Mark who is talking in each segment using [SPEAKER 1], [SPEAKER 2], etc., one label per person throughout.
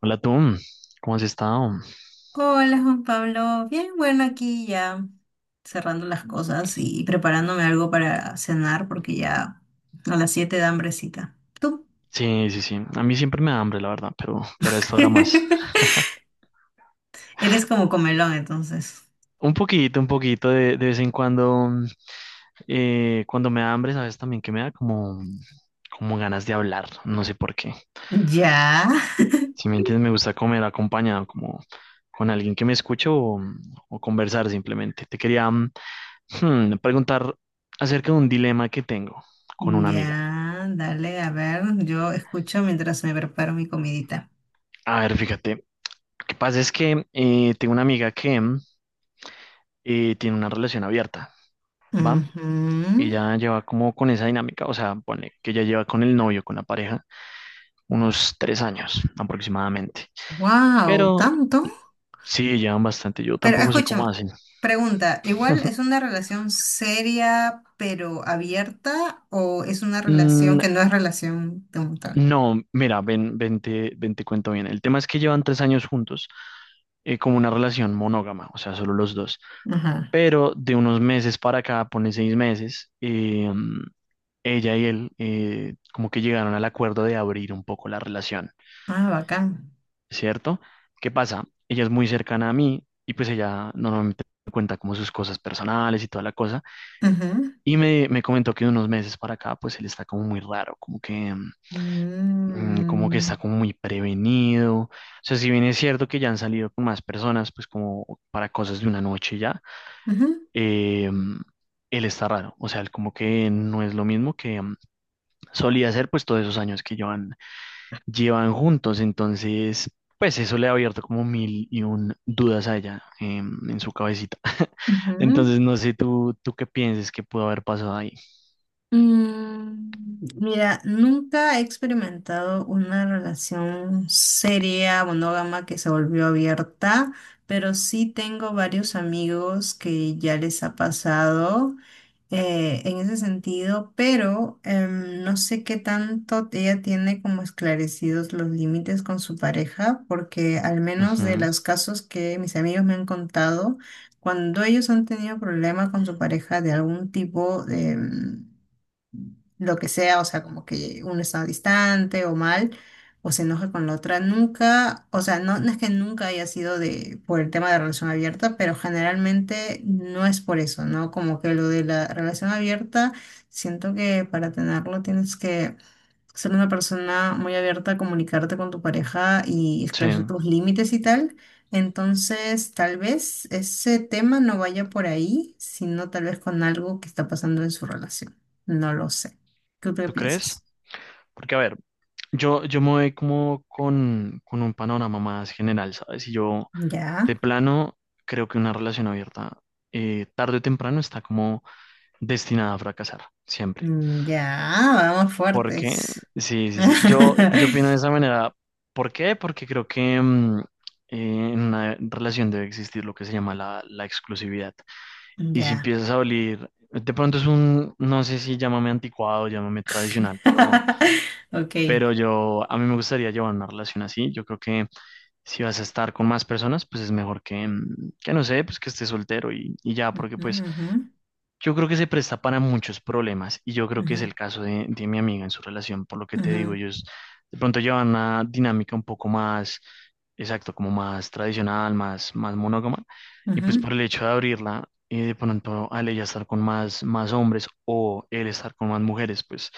[SPEAKER 1] Hola tú, ¿cómo has estado?
[SPEAKER 2] Hola Juan Pablo, bien, bueno, aquí ya cerrando las cosas y preparándome algo para cenar porque ya a las 7 da hambrecita. Tú
[SPEAKER 1] Sí, sí, sí. A mí siempre me da hambre, la verdad, pero esto ahora más.
[SPEAKER 2] eres como comelón, entonces.
[SPEAKER 1] Un poquito de vez en cuando. Cuando me da hambre, sabes también que me da como, como ganas de hablar. No sé por qué.
[SPEAKER 2] Ya,
[SPEAKER 1] Si me entiendes, me gusta comer acompañado, como con alguien que me escuche o conversar simplemente. Te quería preguntar acerca de un dilema que tengo con una amiga.
[SPEAKER 2] ya, dale, a ver, yo escucho mientras me preparo mi comidita.
[SPEAKER 1] A ver, fíjate. Lo que pasa es que tengo una amiga que y tiene una relación abierta, ¿va? Ella lleva como con esa dinámica, o sea, pone que ella lleva con el novio, con la pareja, unos tres años aproximadamente.
[SPEAKER 2] Wow,
[SPEAKER 1] Pero
[SPEAKER 2] ¿tanto?
[SPEAKER 1] sí, llevan bastante, yo
[SPEAKER 2] Pero
[SPEAKER 1] tampoco sé cómo
[SPEAKER 2] escúchame,
[SPEAKER 1] hacen.
[SPEAKER 2] pregunta, ¿igual es una relación seria pero abierta o es una relación
[SPEAKER 1] Mm,
[SPEAKER 2] que no es relación de un montón?
[SPEAKER 1] no, mira, ven, te cuento bien. El tema es que llevan tres años juntos, como una relación monógama, o sea, solo los dos.
[SPEAKER 2] Ajá.
[SPEAKER 1] Pero de unos meses para acá, pone seis meses, ella y él como que llegaron al acuerdo de abrir un poco la relación,
[SPEAKER 2] Ah, bacán.
[SPEAKER 1] ¿cierto? ¿Qué pasa? Ella es muy cercana a mí y pues ella normalmente me cuenta como sus cosas personales y toda la cosa.
[SPEAKER 2] Ujú.
[SPEAKER 1] Y me comentó que de unos meses para acá pues él está como muy raro, como que, como que
[SPEAKER 2] Mm,
[SPEAKER 1] está como muy prevenido. O sea, si bien es cierto que ya han salido con más personas pues como para cosas de una noche ya,
[SPEAKER 2] ujú,
[SPEAKER 1] eh, él está raro. O sea, él como que no es lo mismo que solía hacer pues todos esos años que llevan juntos, entonces, pues eso le ha abierto como mil y un dudas a ella en su cabecita.
[SPEAKER 2] ujú.
[SPEAKER 1] Entonces, no sé tú qué pienses que pudo haber pasado ahí.
[SPEAKER 2] Mm, mira, nunca he experimentado una relación seria, monógama, que se volvió abierta, pero sí tengo varios amigos que ya les ha pasado. En ese sentido, pero no sé qué tanto ella tiene como esclarecidos los límites con su pareja, porque al menos de
[SPEAKER 1] Ujú.
[SPEAKER 2] los casos que mis amigos me han contado, cuando ellos han tenido problemas con su pareja de algún tipo, lo que sea, o sea, como que uno está distante o mal, o se enoja con la otra, nunca, o sea, no, no es que nunca haya sido de, por el tema de relación abierta, pero generalmente no es por eso, ¿no? Como que lo de la relación abierta, siento que para tenerlo tienes que ser una persona muy abierta a comunicarte con tu pareja y
[SPEAKER 1] Sí,
[SPEAKER 2] esclarecer tus límites y tal. Entonces, tal vez ese tema no vaya por ahí, sino tal vez con algo que está pasando en su relación. No lo sé. ¿Tú qué
[SPEAKER 1] ¿tú crees?
[SPEAKER 2] piensas?
[SPEAKER 1] Porque, a ver, yo me voy como con un panorama más general, ¿sabes? Y yo,
[SPEAKER 2] Ya.
[SPEAKER 1] de plano, creo que una relación abierta, tarde o temprano, está como destinada a fracasar, siempre.
[SPEAKER 2] Mm, ya, vamos
[SPEAKER 1] ¿Por qué?
[SPEAKER 2] fuertes.
[SPEAKER 1] Sí, sí, sí. Yo opino de esa manera. ¿Por qué? Porque creo que en una relación debe existir lo que se llama la exclusividad. Y si
[SPEAKER 2] Ya.
[SPEAKER 1] empiezas a oler, de pronto es un, no sé, si llámame anticuado, llámame tradicional,
[SPEAKER 2] Ok.
[SPEAKER 1] pero yo, a mí me gustaría llevar una relación así. Yo creo que si vas a estar con más personas, pues es mejor que, que no sé, pues que estés soltero y ya, porque pues
[SPEAKER 2] Ujú,
[SPEAKER 1] yo creo que se presta para muchos problemas y yo creo que es
[SPEAKER 2] ujú,
[SPEAKER 1] el caso de mi amiga en su relación, por lo que te digo,
[SPEAKER 2] ujú,
[SPEAKER 1] ellos de pronto llevan una dinámica un poco más, exacto, como más tradicional, más monógama y pues por
[SPEAKER 2] ujú,
[SPEAKER 1] el hecho de abrirla y de pronto al ella estar con más hombres o él estar con más mujeres, pues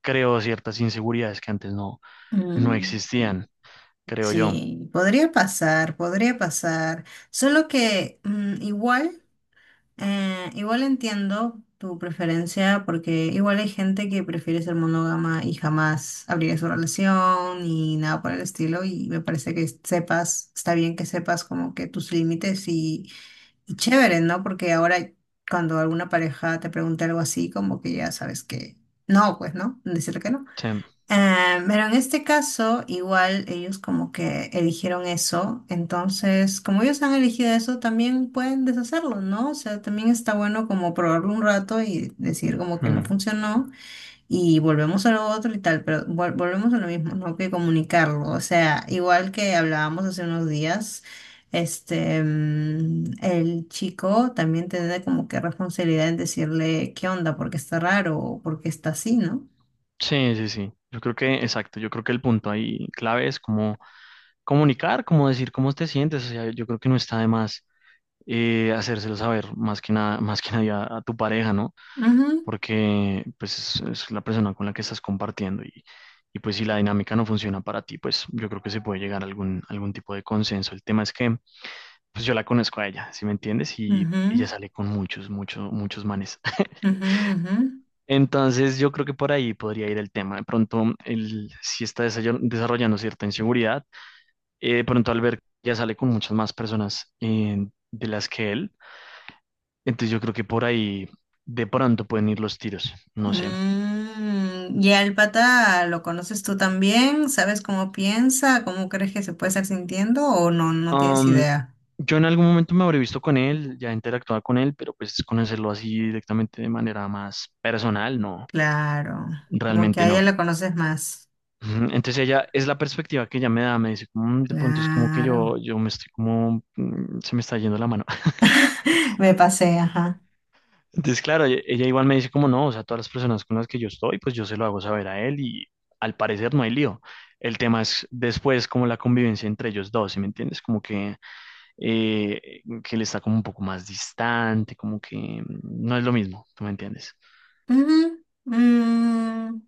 [SPEAKER 1] creo ciertas inseguridades que antes
[SPEAKER 2] ujú.
[SPEAKER 1] no
[SPEAKER 2] Mm,
[SPEAKER 1] existían, creo yo.
[SPEAKER 2] sí, podría pasar, podría pasar. Solo que igual, igual entiendo tu preferencia, porque igual hay gente que prefiere ser monógama y jamás abrir su relación y nada por el estilo. Y me parece que sepas, está bien que sepas como que tus límites y chévere, ¿no? Porque ahora cuando alguna pareja te pregunta algo así, como que ya sabes que no, pues, ¿no? Decirle que no.
[SPEAKER 1] Sí,
[SPEAKER 2] Ah, pero en este caso, igual ellos como que eligieron eso, entonces como ellos han elegido eso, también pueden deshacerlo, ¿no? O sea, también está bueno como probarlo un rato y decir como que no
[SPEAKER 1] mm,
[SPEAKER 2] funcionó y volvemos a lo otro y tal, pero volvemos a lo mismo, ¿no? Que comunicarlo, o sea, igual que hablábamos hace unos días. Este, el chico también tiene como que responsabilidad en decirle qué onda, porque está raro o porque está así, ¿no?
[SPEAKER 1] sí, sí, sí. Yo creo que, exacto, yo creo que el punto ahí clave es como comunicar, como decir cómo te sientes, o sea, yo creo que no está de más, hacérselo saber más que nada, más que nadie a tu pareja, ¿no?
[SPEAKER 2] Ujú,
[SPEAKER 1] Porque pues es la persona con la que estás compartiendo y pues si la dinámica no funciona para ti, pues yo creo que se puede llegar a algún tipo de consenso. El tema es que pues yo la conozco a ella, ¿sí me entiendes? Y ella
[SPEAKER 2] ujú.
[SPEAKER 1] sale con muchos, muchos, muchos manes.
[SPEAKER 2] Ujú, ujú.
[SPEAKER 1] Entonces yo creo que por ahí podría ir el tema. De pronto, él si está desarrollando cierta inseguridad. De pronto Albert ya sale con muchas más personas de las que él. Entonces yo creo que por ahí de pronto pueden ir los tiros, no sé.
[SPEAKER 2] Mm, y al pata lo conoces tú también, ¿sabes cómo piensa? ¿Cómo crees que se puede estar sintiendo? ¿O no, no tienes
[SPEAKER 1] Am,
[SPEAKER 2] idea?
[SPEAKER 1] yo en algún momento me habré visto con él, ya interactuaba con él, pero pues conocerlo así directamente de manera más personal, no,
[SPEAKER 2] Claro, como que
[SPEAKER 1] realmente
[SPEAKER 2] a ella
[SPEAKER 1] no.
[SPEAKER 2] la conoces más.
[SPEAKER 1] Ujú. Entonces ella es la perspectiva que ella me da, me dice, "Mm, de pronto es como que
[SPEAKER 2] Claro,
[SPEAKER 1] yo me estoy como, mm, se me está yendo la mano".
[SPEAKER 2] me pasé, ajá.
[SPEAKER 1] Entonces, claro, ella igual me dice como no, o sea, todas las personas con las que yo estoy, pues yo se lo hago saber a él y al parecer no hay lío. El tema es después como la convivencia entre ellos dos, ¿sí me entiendes? Como que él está como un poco más distante, como que no es lo mismo, ¿tú me entiendes?
[SPEAKER 2] Ujú.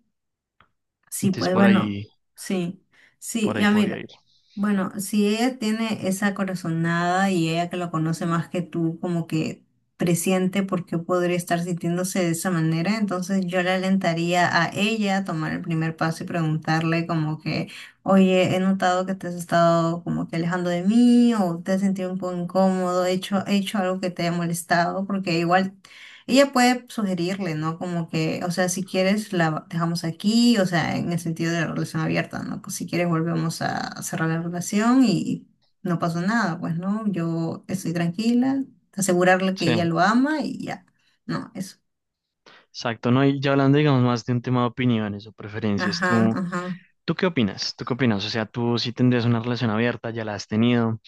[SPEAKER 2] Sí,
[SPEAKER 1] Entonces
[SPEAKER 2] pues bueno, sí, sí,
[SPEAKER 1] por ahí
[SPEAKER 2] ya
[SPEAKER 1] podría
[SPEAKER 2] mira,
[SPEAKER 1] ir.
[SPEAKER 2] bueno, si ella tiene esa corazonada y ella que lo conoce más que tú, como que presiente por qué podría estar sintiéndose de esa manera, entonces yo le alentaría a ella a tomar el primer paso y preguntarle como que, oye, he notado que te has estado como que alejando de mí o te has sentido un poco incómodo, he hecho algo que te haya molestado, porque igual... Ella puede sugerirle, ¿no? Como que, o sea, si quieres la dejamos aquí, o sea, en el sentido de la relación abierta, ¿no? Pues si quieres volvemos a cerrar la relación y no pasó nada, pues, ¿no? Yo estoy tranquila, asegurarle que
[SPEAKER 1] Sí,
[SPEAKER 2] ella lo ama y ya. No, eso.
[SPEAKER 1] exacto, ¿no? Y ya hablando, digamos, más de un tema de opiniones o preferencias,
[SPEAKER 2] Ajá,
[SPEAKER 1] ¿tú,
[SPEAKER 2] ajá.
[SPEAKER 1] tú qué opinas? ¿Tú qué opinas? O sea, ¿tú sí tendrías una relación abierta? ¿Ya la has tenido?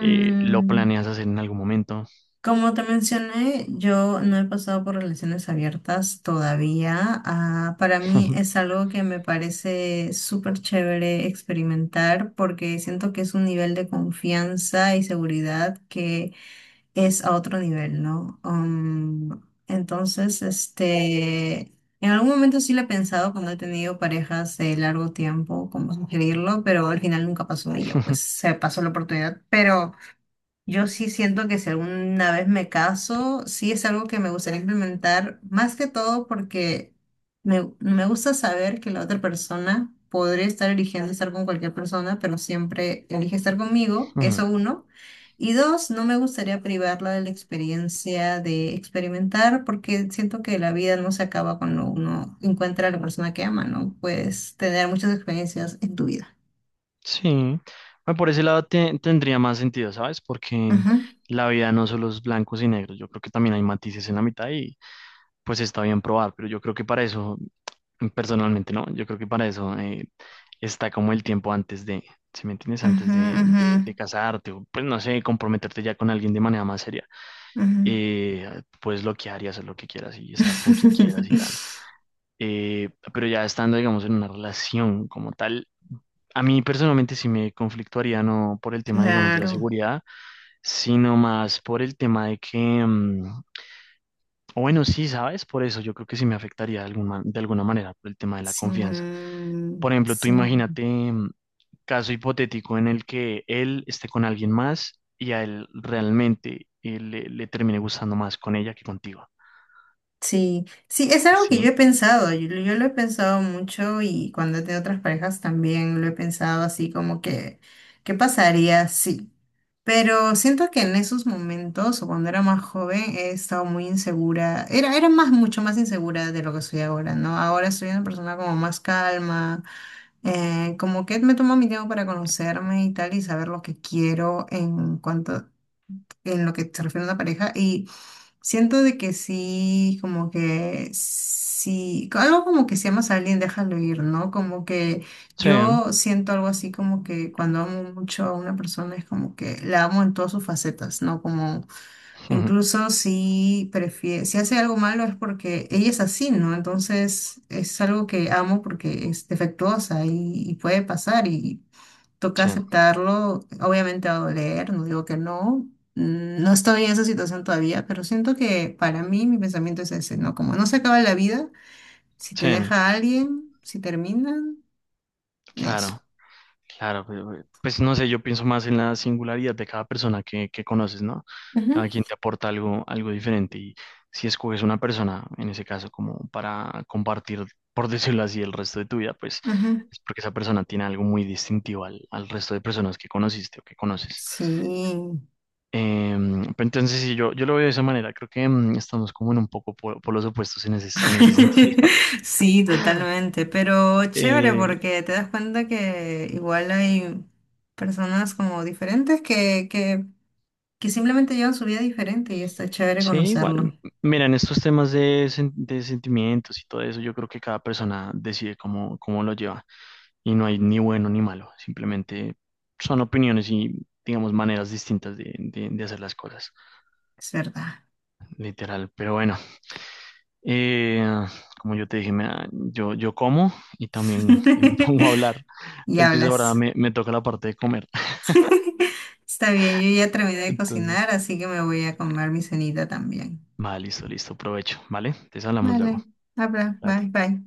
[SPEAKER 1] ¿Lo planeas hacer en algún momento?
[SPEAKER 2] como te mencioné, yo no he pasado por relaciones abiertas todavía. Ah, para mí es algo que me parece súper chévere experimentar porque siento que es un nivel de confianza y seguridad que es a otro nivel, ¿no? Um, entonces, este, en algún momento sí lo he pensado cuando he tenido parejas de largo tiempo, como sugerirlo, pero al final nunca pasó y yo pues se pasó la oportunidad, pero... Yo sí siento que si alguna vez me caso, sí es algo que me gustaría implementar, más que todo porque me gusta saber que la otra persona podría estar eligiendo estar con cualquier persona, pero siempre elige estar conmigo,
[SPEAKER 1] Ujú.
[SPEAKER 2] eso uno. Y dos, no me gustaría privarla de la experiencia de experimentar porque siento que la vida no se acaba cuando uno encuentra a la persona que ama, ¿no? Puedes tener muchas experiencias en tu vida.
[SPEAKER 1] Sí. Bueno, por ese lado tendría más sentido, ¿sabes? Porque
[SPEAKER 2] Ujú,
[SPEAKER 1] la vida no solo es blancos y negros, yo creo que también hay matices en la mitad y pues está bien probar, pero yo creo que para eso, personalmente, ¿no? Yo creo que para eso, está como el tiempo antes de, ¿si me entiendes? Antes
[SPEAKER 2] ujú,
[SPEAKER 1] de,
[SPEAKER 2] ujú,
[SPEAKER 1] de, de casarte o pues no sé, comprometerte ya con alguien de manera más seria,
[SPEAKER 2] ujú.
[SPEAKER 1] puedes bloquear y hacer lo que quieras y estar con quien quieras y tal. Pero ya estando, digamos, en una relación como tal, a mí personalmente sí me conflictuaría, no por el tema, digamos, de la
[SPEAKER 2] Claro,
[SPEAKER 1] seguridad, sino más por el tema de que, o bueno, sí, ¿sabes? Por eso yo creo que sí me afectaría de alguna manera por el tema de la
[SPEAKER 2] sí,
[SPEAKER 1] confianza. Por ejemplo, tú
[SPEAKER 2] sí,
[SPEAKER 1] imagínate, caso hipotético en el que él esté con alguien más y a él realmente, le termine gustando más con ella que contigo.
[SPEAKER 2] sí, sí, es algo que yo he
[SPEAKER 1] ¿Sí?
[SPEAKER 2] pensado, yo lo he pensado mucho y cuando he tenido otras parejas también lo he pensado así como que, ¿qué pasaría si? Pero siento que en esos momentos o cuando era más joven he estado muy insegura, era más, mucho más insegura de lo que soy ahora, ¿no? Ahora soy una persona como más calma. Como que me tomo mi tiempo para conocerme y tal y saber lo que quiero en cuanto en lo que se refiere a una pareja y siento de que sí, como que sí, algo como que si amas a alguien déjalo ir, ¿no? Como que
[SPEAKER 1] Sí,
[SPEAKER 2] yo siento algo así como que cuando amo mucho a una persona es como que la amo en todas sus facetas, ¿no? Como
[SPEAKER 1] ujú,
[SPEAKER 2] incluso si prefiere, si hace algo malo es porque ella es así, ¿no? Entonces es algo que amo porque es defectuosa y puede pasar y toca
[SPEAKER 1] sí,
[SPEAKER 2] aceptarlo. Obviamente va a doler, no digo que no. No estoy en esa situación todavía, pero siento que para mí mi pensamiento es ese, ¿no? Como no se acaba la vida, si te
[SPEAKER 1] sí,
[SPEAKER 2] deja alguien, si terminan, eso.
[SPEAKER 1] claro. Claro, pues pues, no sé, yo pienso más en la singularidad de cada persona que conoces, ¿no?
[SPEAKER 2] Ujú.
[SPEAKER 1] Cada quien te aporta algo, algo diferente y si escoges una persona, en ese caso, como para compartir, por decirlo así, el resto de tu vida, pues
[SPEAKER 2] Ujú.
[SPEAKER 1] es porque esa persona tiene algo muy distintivo al resto de personas que conociste o que conoces.
[SPEAKER 2] Sí.
[SPEAKER 1] Pero entonces, sí, yo lo veo de esa manera, creo que estamos como en un poco por los opuestos en ese sentido.
[SPEAKER 2] Sí, totalmente, pero chévere
[SPEAKER 1] Eh,
[SPEAKER 2] porque te das cuenta que igual hay personas como diferentes que simplemente llevan su vida diferente y está chévere
[SPEAKER 1] sí, igual.
[SPEAKER 2] conocerlo,
[SPEAKER 1] Mira, en estos temas de, de sentimientos y todo eso, yo creo que cada persona decide cómo, cómo lo lleva y no hay ni bueno ni malo, simplemente son opiniones y, digamos, maneras distintas de hacer las cosas,
[SPEAKER 2] es verdad.
[SPEAKER 1] literal. Pero bueno, eh, como yo te dije, yo como y también me pongo a hablar,
[SPEAKER 2] Y
[SPEAKER 1] entonces ahora
[SPEAKER 2] hablas.
[SPEAKER 1] me toca la parte de comer.
[SPEAKER 2] Está bien, yo ya terminé de cocinar,
[SPEAKER 1] Entonces,
[SPEAKER 2] así que me voy a comer mi cenita también.
[SPEAKER 1] va, listo, listo, provecho, ¿vale? Te hablamos luego.
[SPEAKER 2] Vale, habla, bye,
[SPEAKER 1] Cuídate.
[SPEAKER 2] bye.